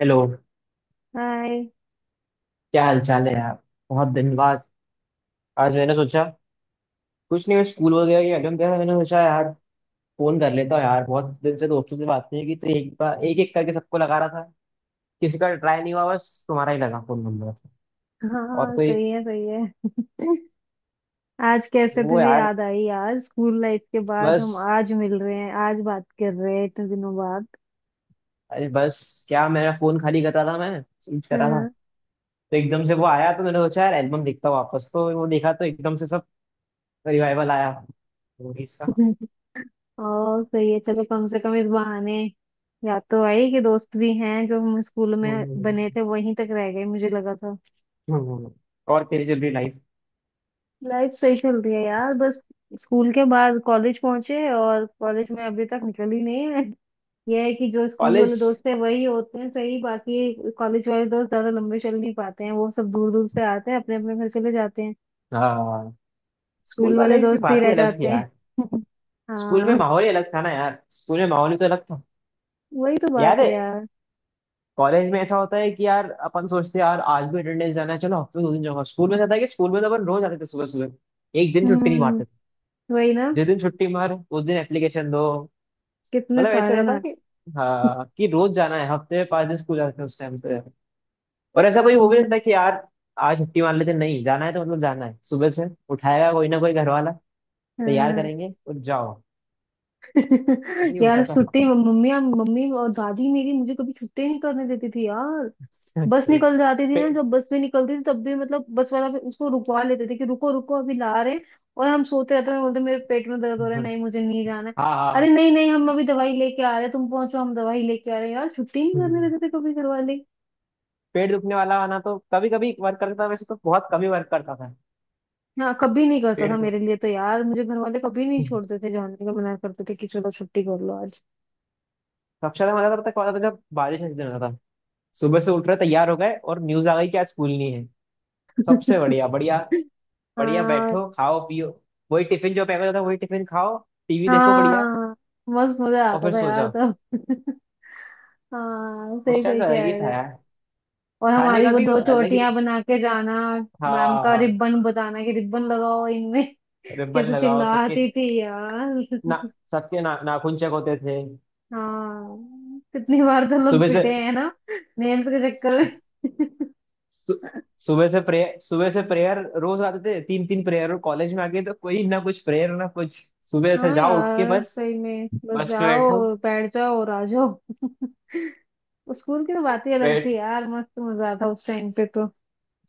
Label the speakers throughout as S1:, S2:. S1: Hello.
S2: Hi.
S1: क्या हाल चाल है यार? बहुत दिन बाद। आज मैंने सोचा, कुछ नहीं, मैं स्कूल वगैरह की एल्बम देखा, मैंने सोचा यार फोन कर लेता हूँ यार। बहुत दिन से दोस्तों से बात नहीं की, तो एक बार एक एक करके सबको लगा रहा था। किसी का ट्राई नहीं हुआ, बस तुम्हारा ही लगा फोन नंबर। और
S2: हाँ
S1: कोई?
S2: सही है, सही है। आज कैसे
S1: वो
S2: तुझे
S1: यार,
S2: याद आई यार? स्कूल लाइफ के बाद
S1: बस।
S2: हम आज मिल रहे हैं, आज बात कर रहे हैं इतने दिनों बाद।
S1: अरे बस क्या, मेरा फोन खाली कर रहा था, मैं स्विच कर रहा था,
S2: हाँ।
S1: तो एकदम से वो आया, तो मैंने सोचा यार एल्बम देखता हूँ वापस, तो वो देखा तो एकदम से सब रिवाइवल आया memories का।
S2: और सही है। चलो कम से कम इस बहाने याद तो आई कि दोस्त भी हैं, जो हम स्कूल में बने
S1: हम्म।
S2: थे वहीं तक रह गए मुझे लगा था।
S1: हम्म, हम्म। और तेरी चल रही लाइफ?
S2: लाइफ सही चल रही है यार। बस स्कूल के बाद कॉलेज पहुंचे और कॉलेज में अभी तक निकल ही नहीं है। ये है कि जो स्कूल
S1: कॉलेज,
S2: वाले दोस्त है वही होते हैं सही, बाकी कॉलेज वाले दोस्त ज्यादा लंबे चल नहीं पाते हैं। वो सब दूर दूर से आते हैं, अपने अपने घर चले जाते हैं।
S1: हाँ। स्कूल
S2: स्कूल वाले
S1: वाले की
S2: दोस्त ही
S1: बात
S2: रह
S1: ही अलग थी
S2: जाते हैं।
S1: यार। स्कूल में
S2: हाँ,
S1: माहौल ही अलग था ना यार, स्कूल में माहौल ही तो अलग था।
S2: वही तो
S1: याद
S2: बात है
S1: है?
S2: यार।
S1: कॉलेज में ऐसा होता है कि यार अपन सोचते हैं यार आज भी अटेंडेंस जाना है, चलो हफ्ते में 2 दिन जाऊंगा। स्कूल में ऐसा था कि स्कूल में तो अपन रोज आते थे सुबह सुबह, एक दिन छुट्टी नहीं
S2: हम्म।
S1: मारते थे।
S2: वही ना।
S1: जिस दिन छुट्टी मार उस दिन एप्लीकेशन दो।
S2: कितने
S1: मतलब ऐसे
S2: सारे
S1: रहता था
S2: ना।
S1: कि हाँ कि रोज जाना है, हफ्ते में 5 दिन स्कूल जाते थे उस टाइम पे। और ऐसा कोई हो भी नहीं
S2: हम्म,
S1: था कि यार आज छुट्टी मार लेते, नहीं जाना है तो मतलब जाना है, सुबह से उठाएगा कोई ना कोई घर वाला, तैयार
S2: हाँ।
S1: करेंगे और जाओ। यही होता
S2: यार
S1: था।
S2: छुट्टी मम्मी मम्मी और दादी मेरी, मुझे कभी छुट्टी नहीं करने देती थी यार। बस
S1: एक
S2: निकल जाती थी ना,
S1: पे,
S2: जब बस भी निकलती थी तब भी, मतलब बस वाला भी उसको रुकवा लेते थे कि रुको रुको अभी ला रहे हैं। और हम सोते रहते थे, बोलते मेरे पेट में दर्द हो रहा है,
S1: हाँ,
S2: नहीं मुझे नहीं जाना है। अरे
S1: हाँ,
S2: नहीं नहीं, हम अभी दवाई लेके आ रहे हैं, तुम पहुंचो, हम दवाई लेके आ रहे हैं यार। छुट्टी नहीं करने
S1: हम्म।
S2: देते थे कभी घर वाले।
S1: पेट दुखने वाला आना तो कभी कभी वर्क करता था, वैसे तो बहुत कभी वर्क करता था।
S2: हाँ कभी नहीं करता था
S1: पेट
S2: मेरे
S1: दुख,
S2: लिए तो यार। मुझे घर वाले कभी नहीं
S1: हम्म।
S2: छोड़ते थे, जाने का मना करते थे कि चलो छुट्टी कर लो आज।
S1: सबसे ज्यादा मजा करता था जब बारिश का सीजन होता था। सुबह से उठ रहे तैयार हो गए और न्यूज आ गई कि आज स्कूल नहीं है। सबसे बढ़िया बढ़िया। बढ़िया
S2: हाँ।
S1: बैठो, खाओ, पियो। वही टिफिन जो पैक होता था वही टिफिन खाओ, टीवी देखो, बढ़िया।
S2: हाँ मस्त मजा
S1: और
S2: आता
S1: फिर
S2: था
S1: सो
S2: यार
S1: जाओ।
S2: तब। हाँ
S1: उस
S2: सही
S1: टाइम
S2: सही
S1: तो अलग
S2: कह
S1: ही था
S2: रहे।
S1: यार,
S2: और
S1: खाने
S2: हमारी
S1: का
S2: वो
S1: भी
S2: दो
S1: अलग ही।
S2: चोटियां बना के जाना। मैम का
S1: हाँ।
S2: रिबन बताना कि रिबन लगाओ इनमें।
S1: रिबन
S2: कैसे
S1: लगाओ सबके
S2: चिल्लाती थी यार।
S1: ना, सबके ना नाखून चेक होते थे
S2: हाँ। कितनी बार तो लोग
S1: सुबह से।
S2: पिटे हैं ना, नेम्स के चक्कर में।
S1: सु- सुबह से प्रेयर, सुबह से प्रेयर, रोज आते थे 3 3 प्रेयर। कॉलेज में आ गए तो कोई ना कुछ प्रेयर ना कुछ। सुबह से
S2: हाँ
S1: जाओ उठ के,
S2: यार
S1: बस।
S2: सही में बस
S1: बस में बैठो।
S2: जाओ बैठ जाओ और आ जाओ। स्कूल की तो बात ही अलग थी
S1: बैठ
S2: यार, मस्त मजा आता उस टाइम पे तो।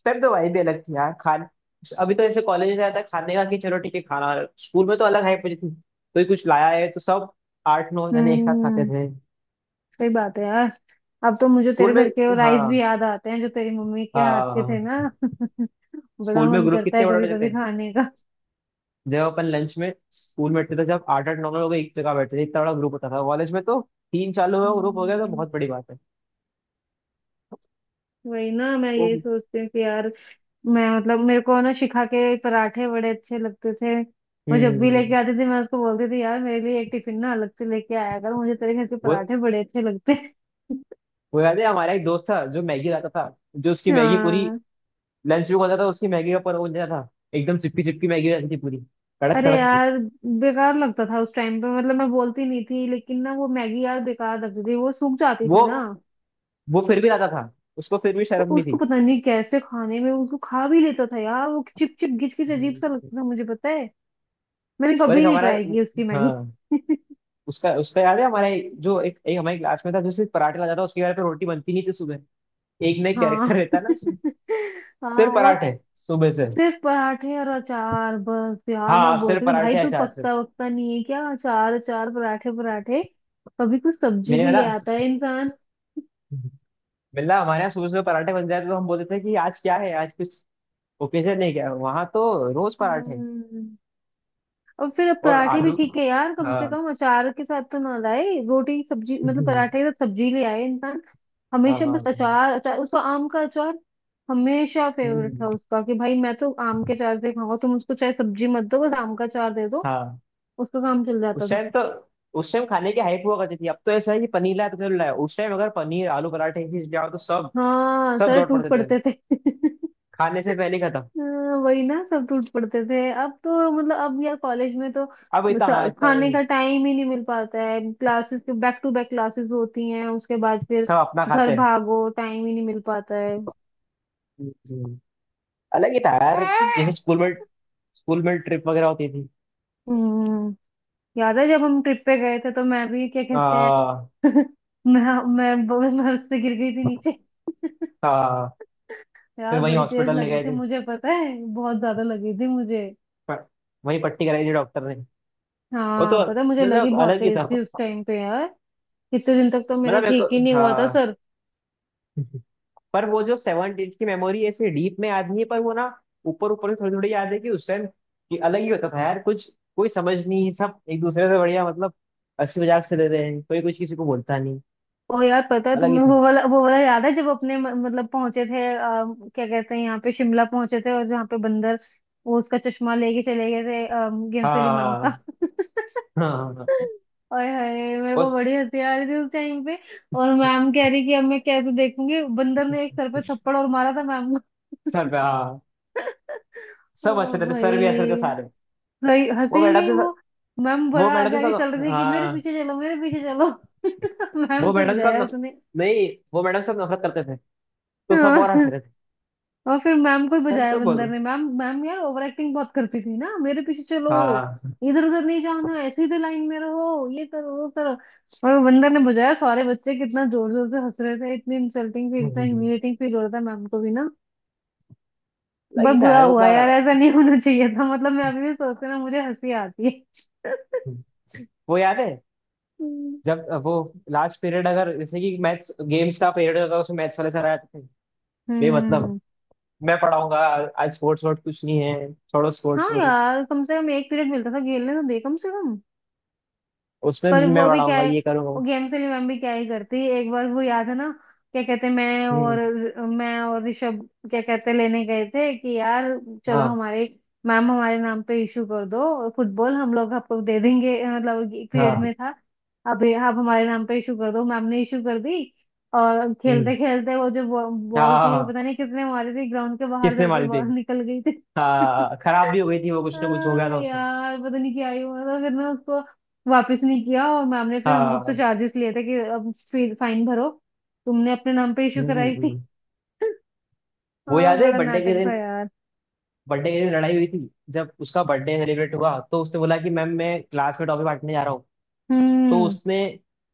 S1: तब तो वाइब भी अलग थी यार। खान अभी तो ऐसे कॉलेज में जाता है खाने का कि चलो ठीक है खाना। स्कूल में तो अलग हाइप होती थी, कोई कुछ लाया है तो सब 8 9 जने एक साथ खाते
S2: हम्म।
S1: थे।
S2: सही बात है यार। अब तो मुझे तेरे
S1: स्कूल में,
S2: घर के वो राइस भी
S1: हाँ,
S2: याद आते हैं, जो तेरी मम्मी के हाथ के थे
S1: हाँ।
S2: ना। बड़ा
S1: स्कूल में
S2: मन
S1: ग्रुप
S2: करता है
S1: कितने बड़े
S2: कभी
S1: बड़े
S2: कभी
S1: होते थे।
S2: खाने का।
S1: जब अपन लंच में स्कूल में बैठते थे, जब 8 8 9 9 लोग एक जगह बैठते थे, इतना बड़ा ग्रुप होता था। कॉलेज में तो 3 4 लोगों का ग्रुप हो गया तो
S2: हम्म,
S1: बहुत बड़ी बात है।
S2: वही ना। मैं
S1: वो,
S2: यही सोचती हूँ कि यार, मैं मतलब मेरे को ना शिखा के पराठे बड़े अच्छे लगते थे। वो जब भी लेके
S1: हम्म।
S2: आती थी मैं उसको बोलती थी, यार मेरे लिए एक टिफिन ना अलग से लेके आया कर, मुझे तेरे घर के
S1: वो
S2: पराठे बड़े अच्छे लगते हैं।
S1: वो याद है, हमारा एक दोस्त था जो मैगी लाता था, जो उसकी मैगी पूरी
S2: हाँ।
S1: लंच में खाता था, उसकी मैगी का, पर वो नहीं था। एकदम चिपकी चिपकी मैगी रहती थी पूरी, कड़क
S2: अरे
S1: कड़क सी।
S2: यार, बेकार लगता था उस टाइम पे। मतलब मैं बोलती नहीं थी लेकिन ना, वो मैगी यार बेकार लगती थी, वो सूख जाती
S1: वो
S2: थी ना।
S1: वो फिर भी लाता था, उसको फिर भी
S2: वो
S1: शर्म नहीं
S2: उसको
S1: थी।
S2: पता नहीं कैसे खाने में, उसको खा भी लेता था यार। वो चिप चिप घिच घिच अजीब सा
S1: हम्म।
S2: लगता था, मुझे पता है। मैंने
S1: और
S2: कभी
S1: एक
S2: नहीं
S1: हमारा,
S2: ट्राई की उसकी मैगी।
S1: हाँ। उसका उसका याद है, हमारा जो एक हमारे क्लास में था जो सिर्फ पराठे लाता था, उसके घर पे रोटी बनती नहीं थी सुबह। एक नई
S2: हाँ।
S1: कैरेक्टर रहता ना उसमें।
S2: हाँ।
S1: सिर्फ
S2: और
S1: पराठे सुबह से,
S2: सिर्फ पराठे और अचार, बस यार मैं
S1: हाँ, सिर्फ
S2: बोलती थी, भाई
S1: पराठे
S2: तू
S1: अचार से।
S2: पकता वकता नहीं है क्या? अचार अचार पराठे पराठे, कभी कुछ सब्जी
S1: मैंने
S2: भी ले
S1: बोला
S2: आता है इंसान।
S1: बिल्ला, हमारे यहाँ सुबह सुबह पराठे बन जाते तो हम बोलते थे कि आज क्या है, आज कुछ ओकेजन नहीं क्या, वहां तो रोज पराठे।
S2: हम्म। और फिर अब
S1: और
S2: पराठे भी
S1: आलू,
S2: ठीक है यार, कम से
S1: हाँ,
S2: कम अचार के साथ तो ना लाए, रोटी सब्जी मतलब पराठे के साथ सब्जी ले आए इंसान।
S1: हाँ,
S2: हमेशा बस
S1: हाँ,
S2: अचार अचार, उसका आम का अचार हमेशा फेवरेट था
S1: हम्म,
S2: उसका कि भाई मैं तो आम के अचार से खाऊंगा, तुम उसको चाहे सब्जी मत दो बस आम का अचार दे दो,
S1: हाँ।
S2: उसका काम चल जाता
S1: उस
S2: था।
S1: टाइम तो, उस टाइम खाने की हाइप हुआ करती थी, अब तो ऐसा है कि पनीर लाया तो चल लाया। उस टाइम अगर पनीर आलू पराठे ये चीज लाओ तो सब,
S2: हाँ
S1: सब
S2: सारे
S1: दौड़
S2: टूट
S1: पड़ते थे,
S2: पड़ते थे।
S1: खाने से पहले ही खत्म।
S2: हाँ, वही ना सब टूट पड़ते थे। अब तो मतलब अब यार कॉलेज में तो
S1: अब इतना, हाँ इतना वो
S2: खाने
S1: नहीं,
S2: का टाइम ही नहीं मिल पाता है, क्लासेस के बैक टू बैक क्लासेस होती हैं उसके बाद फिर
S1: सब अपना
S2: घर
S1: खाते हैं।
S2: भागो, टाइम ही नहीं मिल पाता है।
S1: हम्म, अलग ही था यार। जैसे स्कूल में, स्कूल में ट्रिप वगैरह होती थी।
S2: हम्म। याद है जब हम ट्रिप पे गए थे तो मैं भी क्या कहते हैं,
S1: हाँ,
S2: मैं बहुत बर्फ से गिर गई थी नीचे।
S1: हाँ। फिर
S2: यार
S1: वहीं
S2: बड़ी तेज
S1: हॉस्पिटल ले
S2: लगी
S1: गए
S2: थी,
S1: थे,
S2: मुझे पता है, बहुत ज्यादा लगी थी मुझे।
S1: प- वही पट्टी कराई थी डॉक्टर ने। वो
S2: हाँ
S1: तो
S2: पता है, मुझे लगी
S1: मतलब
S2: बहुत
S1: अलग ही
S2: तेज
S1: था।
S2: थी उस टाइम पे यार। कितने दिन तक तो मेरा
S1: मतलब एक,
S2: ठीक ही नहीं हुआ था
S1: हाँ।
S2: सर।
S1: पर वो जो सेवन डेज की मेमोरी ऐसे डीप में याद नहीं है, पर वो ना ऊपर ऊपर में थोड़ी थोड़ी याद है कि उस टाइम कि अलग ही होता था यार कुछ। कोई समझ नहीं, सब एक दूसरे से बढ़िया, मतलब हंसी मजाक से ले रहे हैं, कोई कुछ किसी को बोलता नहीं।
S2: और यार, पता है
S1: अलग ही
S2: तुम्हें
S1: था।
S2: वो वाला याद है जब अपने मतलब पहुंचे थे, क्या कहते हैं यहाँ पे शिमला पहुंचे थे और जहाँ पे बंदर, वो उसका चश्मा लेके चले गए थे, गेम्स वाली मैम का।
S1: हाँ, हाँ, हाँ।
S2: ओए हाय। मेरे
S1: वो
S2: को बड़ी हंसी आ रही थी उस टाइम पे। और मैम कह रही कि अब मैं कैसे देखूंगी, बंदर ने एक सर पे थप्पड़ और मारा था मैम को।
S1: सर पे, हाँ।
S2: ओ
S1: सब हंस रहे थे, सर भी हंस रहे थे
S2: भाई,
S1: सारे।
S2: सही
S1: वो
S2: हंसेंगे
S1: मैडम
S2: ही
S1: से,
S2: वो। मैम
S1: वो
S2: बड़ा
S1: मैडम
S2: आगे
S1: के
S2: आगे चल
S1: साथ,
S2: रही थी कि मेरे
S1: हाँ।
S2: पीछे चलो मेरे पीछे चलो। मैम
S1: वो
S2: को ही
S1: मैडम के साथ
S2: बजाया उसने।
S1: नहीं, वो मैडम से सब नफरत करते थे, तो सब और हंस
S2: हाँ,
S1: रहे थे।
S2: और फिर मैम को ही
S1: सच
S2: बजाया
S1: तो
S2: बंदर
S1: बोलो,
S2: ने। मैम मैम यार ओवर एक्टिंग बहुत करती थी ना, मेरे पीछे चलो,
S1: हाँ।
S2: इधर उधर नहीं जाना, ऐसे ही तो लाइन में रहो, ये करो वो करो। और बंदर ने बजाया, सारे बच्चे कितना जोर जोर से हंस रहे थे, इतनी इंसल्टिंग फील, इतना
S1: लगी
S2: ह्यूमिलेटिंग फील हो रहा था मैम को भी ना। बहुत
S1: था
S2: बुरा
S1: यार
S2: हुआ
S1: उतना।
S2: यार, ऐसा नहीं होना चाहिए था, मतलब मैं अभी भी सोचते ना मुझे हंसी आती है।
S1: वो याद है, जब वो लास्ट पीरियड अगर जैसे कि मैथ्स गेम्स का पीरियड होता था, उसमें मैथ्स वाले सर आते थे, बेमतलब
S2: हम्म।
S1: मैं पढ़ाऊंगा, आज स्पोर्ट्स वोर्ट्स कुछ नहीं है, छोड़ो स्पोर्ट्स
S2: हाँ
S1: को,
S2: यार कम से कम एक पीरियड मिलता था खेलने तो दे कम से कम।
S1: उसमें
S2: पर
S1: भी मैं
S2: वो भी क्या
S1: पढ़ाऊंगा
S2: है,
S1: ये करूंगा।
S2: वो गेम से भी मम्मी क्या ही करती है। एक बार वो याद है ना, क्या कहते हैं, मैं और
S1: हम्म,
S2: ऋषभ क्या कहते हैं, लेने गए थे कि यार चलो
S1: हाँ,
S2: हमारे मैम हमारे नाम पे इशू कर दो फुटबॉल, हम लोग आपको दे देंगे, मतलब एक पीरियड
S1: हाँ,
S2: में था। अब ये आप हमारे नाम पे इशू कर दो, मैम ने इशू कर दी। और खेलते
S1: हम्म,
S2: खेलते वो जो बॉ-
S1: हाँ,
S2: बॉल
S1: हाँ,
S2: थी वो
S1: हाँ।
S2: पता नहीं किसने मारी थी, ग्राउंड के बाहर
S1: किसने
S2: जाके
S1: मारी थी?
S2: बॉल निकल गई थी।
S1: हाँ, खराब भी हो गई थी वो, कुछ ना कुछ हो गया
S2: हाँ
S1: था उसमें।
S2: यार पता नहीं क्या ही हुआ था, फिर मैं उसको वापस नहीं किया और मैम ने फिर हम सबसे
S1: हाँ,
S2: चार्जेस लिए थे कि अब फाइन भरो, तुमने अपने नाम पे इशू
S1: हम्म, हम्म।
S2: कराई थी।
S1: हम्म। वो
S2: हाँ
S1: याद है
S2: बड़ा
S1: बर्थडे के
S2: नाटक था
S1: दिन,
S2: यार।
S1: बर्थडे के लिए लड़ाई हुई थी, जब उसका बर्थडे सेलिब्रेट हुआ तो उसने बोला कि मैम मैं क्लास में टॉफी बांटने जा रहा हूँ। तो
S2: हम्म।
S1: उसने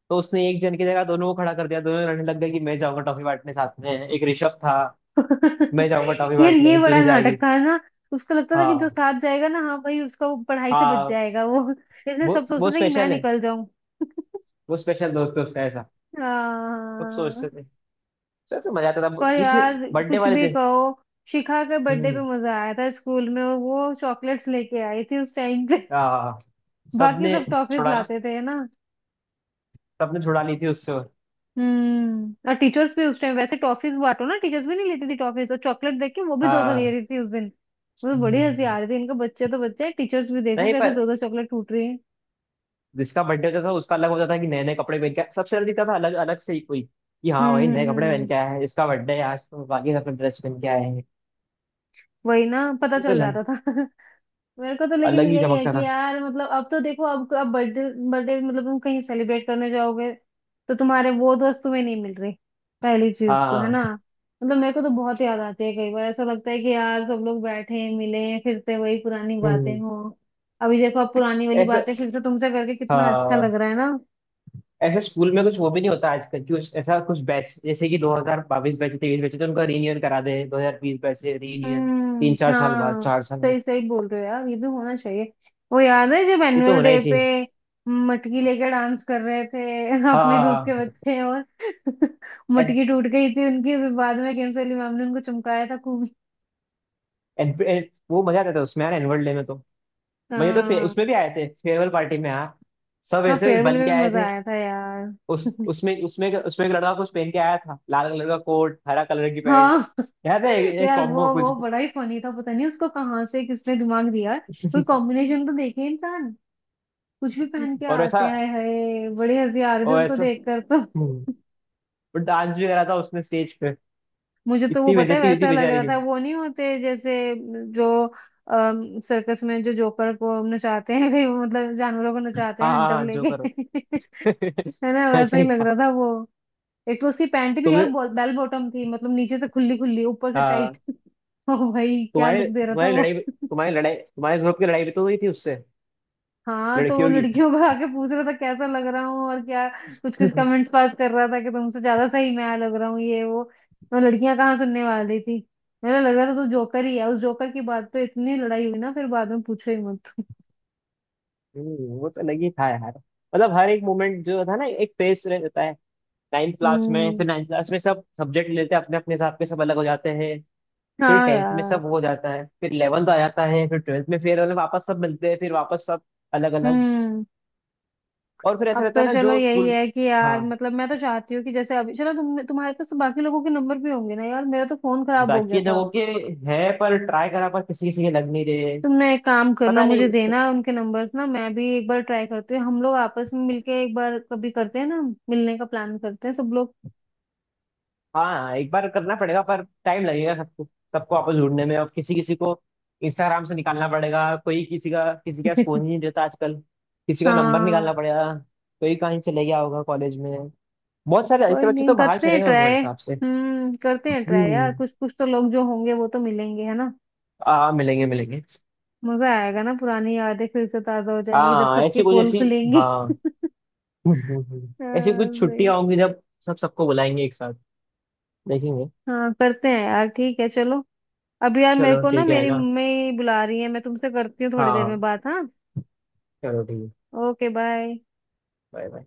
S1: तो उसने एक जन की जगह दोनों को खड़ा कर दिया, दोनों लड़ने लग गए कि मैं जाऊंगा टॉफी बांटने, साथ में एक ऋषभ था। मैं जाऊंगा टॉफी
S2: यार ये
S1: बांटने, तू
S2: बड़ा
S1: नहीं
S2: नाटक
S1: जाएगी।
S2: था ना। उसको लगता था कि जो
S1: हाँ,
S2: साथ जाएगा ना, हाँ भाई, उसका वो पढ़ाई से बच
S1: हाँ।
S2: जाएगा वो। इसलिए सब सोचते
S1: वो
S2: थे कि मैं
S1: स्पेशल है,
S2: निकल जाऊं।
S1: वो स्पेशल दोस्त है उसका ऐसा। सब
S2: हाँ।
S1: सोचते थे, सोचते मजा आता था।
S2: पर
S1: जैसे
S2: यार
S1: बर्थडे
S2: कुछ
S1: वाले
S2: भी
S1: दिन,
S2: कहो, शिखा के बर्थडे पे
S1: हम्म,
S2: मजा आया था स्कूल में, वो चॉकलेट्स लेके आई थी उस टाइम पे।
S1: हाँ।
S2: बाकी
S1: सबने
S2: सब टॉफीज
S1: छुड़ा
S2: लाते थे ना।
S1: सबने छुड़ा ली थी उससे।
S2: और टीचर्स भी उस टाइम, वैसे टॉफीज बांटो ना टीचर्स भी नहीं लेती थी, टॉफीज और चॉकलेट देख के वो भी दो दो ले
S1: हाँ,
S2: रही थी उस दिन। मुझे बड़ी हंसी
S1: हम्म।
S2: आ रही थी, इनके बच्चे तो बच्चे हैं, टीचर्स भी देखो
S1: नहीं
S2: कैसे
S1: पर
S2: दो दो चॉकलेट टूट रही है।
S1: जिसका बर्थडे होता था उसका अलग होता था कि नए नए कपड़े पहन के आया, सबसे दिखता था अलग अलग से ही कोई कि हाँ भाई नए कपड़े पहन
S2: हम्म।
S1: के आया है, इसका बर्थडे है आज, तो बाकी सब ड्रेस पहन के आए हैं।
S2: वही ना, पता
S1: वो तो
S2: चल
S1: अलग,
S2: जाता था। मेरे को तो
S1: अलग
S2: लेकिन
S1: ही
S2: यही है
S1: चमकता
S2: कि
S1: था।
S2: यार, मतलब अब तो देखो, अब बर्थडे, बर्थडे मतलब तुम कहीं सेलिब्रेट करने जाओगे तो तुम्हारे वो दोस्त तुम्हें नहीं मिल रहे, पहली चीज तो है
S1: हाँ,
S2: ना। मतलब मेरे को तो बहुत याद आती है, कई बार ऐसा लगता है कि यार सब लोग बैठे मिले फिर से वही पुरानी बातें
S1: हम्म,
S2: हो। अभी देखो, अब पुरानी वाली
S1: ऐसा,
S2: बातें फिर से तुमसे करके कितना अच्छा लग
S1: हाँ।
S2: रहा है ना।
S1: ऐसे स्कूल में कुछ वो भी नहीं होता आजकल कि उस- ऐसा कुछ बैच जैसे कि 2022 बैच, 23 बैच है, तो उनका रीयूनियन करा दे 2020 बैच से रीयूनियन, तीन
S2: हम्म।
S1: चार साल बाद
S2: हाँ
S1: 4 साल बाद।
S2: सही सही बोल रहे हो यार, ये भी होना चाहिए। वो याद है जब
S1: ये तो
S2: एनुअल
S1: होना
S2: डे
S1: ही
S2: पे
S1: चाहिए।
S2: मटकी लेकर डांस कर रहे थे अपने ग्रुप के
S1: हाँ,
S2: बच्चे और
S1: एन,
S2: मटकी टूट गई थी उनकी, फिर बाद में केम्स वाली मैम ने उनको चमकाया था खूब।
S1: एन, एन, वो मजा आता था उसमें यार, एनुअल डे में तो। भैया तो
S2: हाँ।
S1: उसमें भी आए थे फेयरवेल पार्टी में यार, सब
S2: हाँ
S1: ऐसे
S2: फेयरवेल
S1: बन
S2: में
S1: के
S2: भी
S1: आए
S2: मजा
S1: थे।
S2: आया था यार।
S1: उस उसमें उसमें उसमें एक लड़का कुछ पहन के आया था, लाल कलर का कोट, हरा कलर की पैंट,
S2: हाँ।
S1: याद है एक, एक
S2: यार
S1: कॉम्बो
S2: वो
S1: कुछ
S2: वो बड़ा ही फनी था, पता नहीं उसको कहाँ से किसने दिमाग दिया, कोई
S1: भी।
S2: कॉम्बिनेशन तो देखे इंसान, कुछ भी पहन के
S1: और ऐसा
S2: आते हैं, हाय हाय बड़ी हंसी आ रही थी
S1: और
S2: उसको
S1: ऐसा
S2: देखकर तो।
S1: हम्म, और डांस भी करा था उसने स्टेज पे।
S2: मुझे तो वो
S1: इतनी
S2: पता है,
S1: बेइज्जती हुई थी
S2: वैसा लग
S1: बेचारे
S2: रहा
S1: की।
S2: था, वो नहीं होते जैसे जो सर्कस में जो जोकर को नचाते हैं कहीं, वो मतलब जानवरों को
S1: हाँ,
S2: नचाते हैं
S1: हाँ,
S2: हंटर
S1: हाँ, जो करो।
S2: लेके। है ना, वैसा
S1: ऐसे
S2: ही
S1: ही
S2: लग
S1: था।
S2: रहा था वो। एक तो उसकी पैंट भी यार
S1: तुमने,
S2: बेल बॉटम थी, मतलब नीचे से खुली खुली ऊपर से टाइट।
S1: हाँ।
S2: ओ भाई क्या
S1: तुम्हारी
S2: लुक दे रहा था वो।
S1: तुम्हारी लड़ाई तुम्हारे ग्रुप की लड़ाई भी तो हुई थी उससे,
S2: हाँ तो वो
S1: लड़कियों की।
S2: लड़कियों को आके पूछ रहा था कैसा लग रहा हूँ और क्या, कुछ कुछ कमेंट्स पास कर रहा था कि तुमसे ज्यादा सही मैं लग रहा हूँ, ये वो, तो लड़कियां कहाँ सुनने वाली थी। मेरा लग रहा था तू जोकर ही है, उस जोकर की बात पे इतनी लड़ाई हुई ना फिर बाद में पूछो ही मत।
S1: वो तो लगी था यार। मतलब हर एक मोमेंट जो था ना, एक फेस रहता है।
S2: हम्म।
S1: नाइन्थ क्लास में सब सब्जेक्ट लेते हैं अपने अपने हिसाब के, सब अलग हो जाते हैं। फिर
S2: हाँ
S1: टेंथ में
S2: यार।
S1: सब हो जाता है, फिर 11th आ जाता है, फिर ट्वेल्थ में, फिर मतलब वापस सब मिलते हैं, फिर वापस सब अलग अलग।
S2: हम्म।
S1: और फिर ऐसा
S2: अब तो
S1: रहता है ना
S2: चलो
S1: जो
S2: यही
S1: स्कूल,
S2: है कि यार,
S1: हाँ,
S2: मतलब मैं तो चाहती हूँ कि जैसे अभी चलो, तुमने, तुम्हारे पास तो बाकी लोगों के नंबर भी होंगे ना यार, मेरा तो फोन खराब हो गया
S1: बाकी
S2: था।
S1: लोगों के है, पर ट्राई करा, पर किसी किसी के लग नहीं रहे।
S2: तुम एक काम करना,
S1: पता
S2: मुझे
S1: नहीं,
S2: देना उनके नंबर्स ना, मैं भी एक बार ट्राई करती हूँ, हम लोग आपस में मिलके एक बार कभी करते हैं ना, मिलने का प्लान करते हैं सब लोग।
S1: हाँ, एक बार करना पड़ेगा पर टाइम लगेगा सबको, सबको आपस ढूंढने में, और किसी किसी को इंस्टाग्राम से निकालना पड़ेगा, कोई किसी का, किसी के पास फोन ही नहीं रहता आजकल। किसी का नंबर
S2: हाँ
S1: निकालना पड़ेगा, कोई कहीं चले गया होगा कॉलेज में, बहुत सारे ऐसे
S2: कोई
S1: बच्चे
S2: नहीं,
S1: तो बाहर
S2: करते
S1: चले
S2: हैं
S1: गए होंगे मेरे
S2: ट्राई।
S1: हिसाब से।
S2: हम्म, करते हैं ट्राई यार,
S1: हम्म,
S2: कुछ कुछ तो लोग जो होंगे वो तो मिलेंगे है ना।
S1: आ, मिलेंगे मिलेंगे।
S2: मजा आएगा ना, पुरानी यादें फिर से ताजा हो जाएंगी जब
S1: हाँ,
S2: सबकी
S1: ऐसी कुछ
S2: पोल
S1: ऐसी,
S2: खुलेंगी।
S1: हाँ, ऐसी
S2: हाँ
S1: कुछ
S2: भाई।
S1: छुट्टियां होंगी जब सब सबको बुलाएंगे एक साथ, देखेंगे।
S2: हाँ करते हैं यार, ठीक है चलो। अब यार मेरे
S1: चलो
S2: को ना,
S1: ठीक है
S2: मेरी
S1: ना,
S2: मम्मी बुला रही है, मैं तुमसे करती हूँ थोड़ी देर में
S1: हाँ,
S2: बात, हाँ।
S1: चलो ठीक है।
S2: Okay bye.
S1: Bye bye.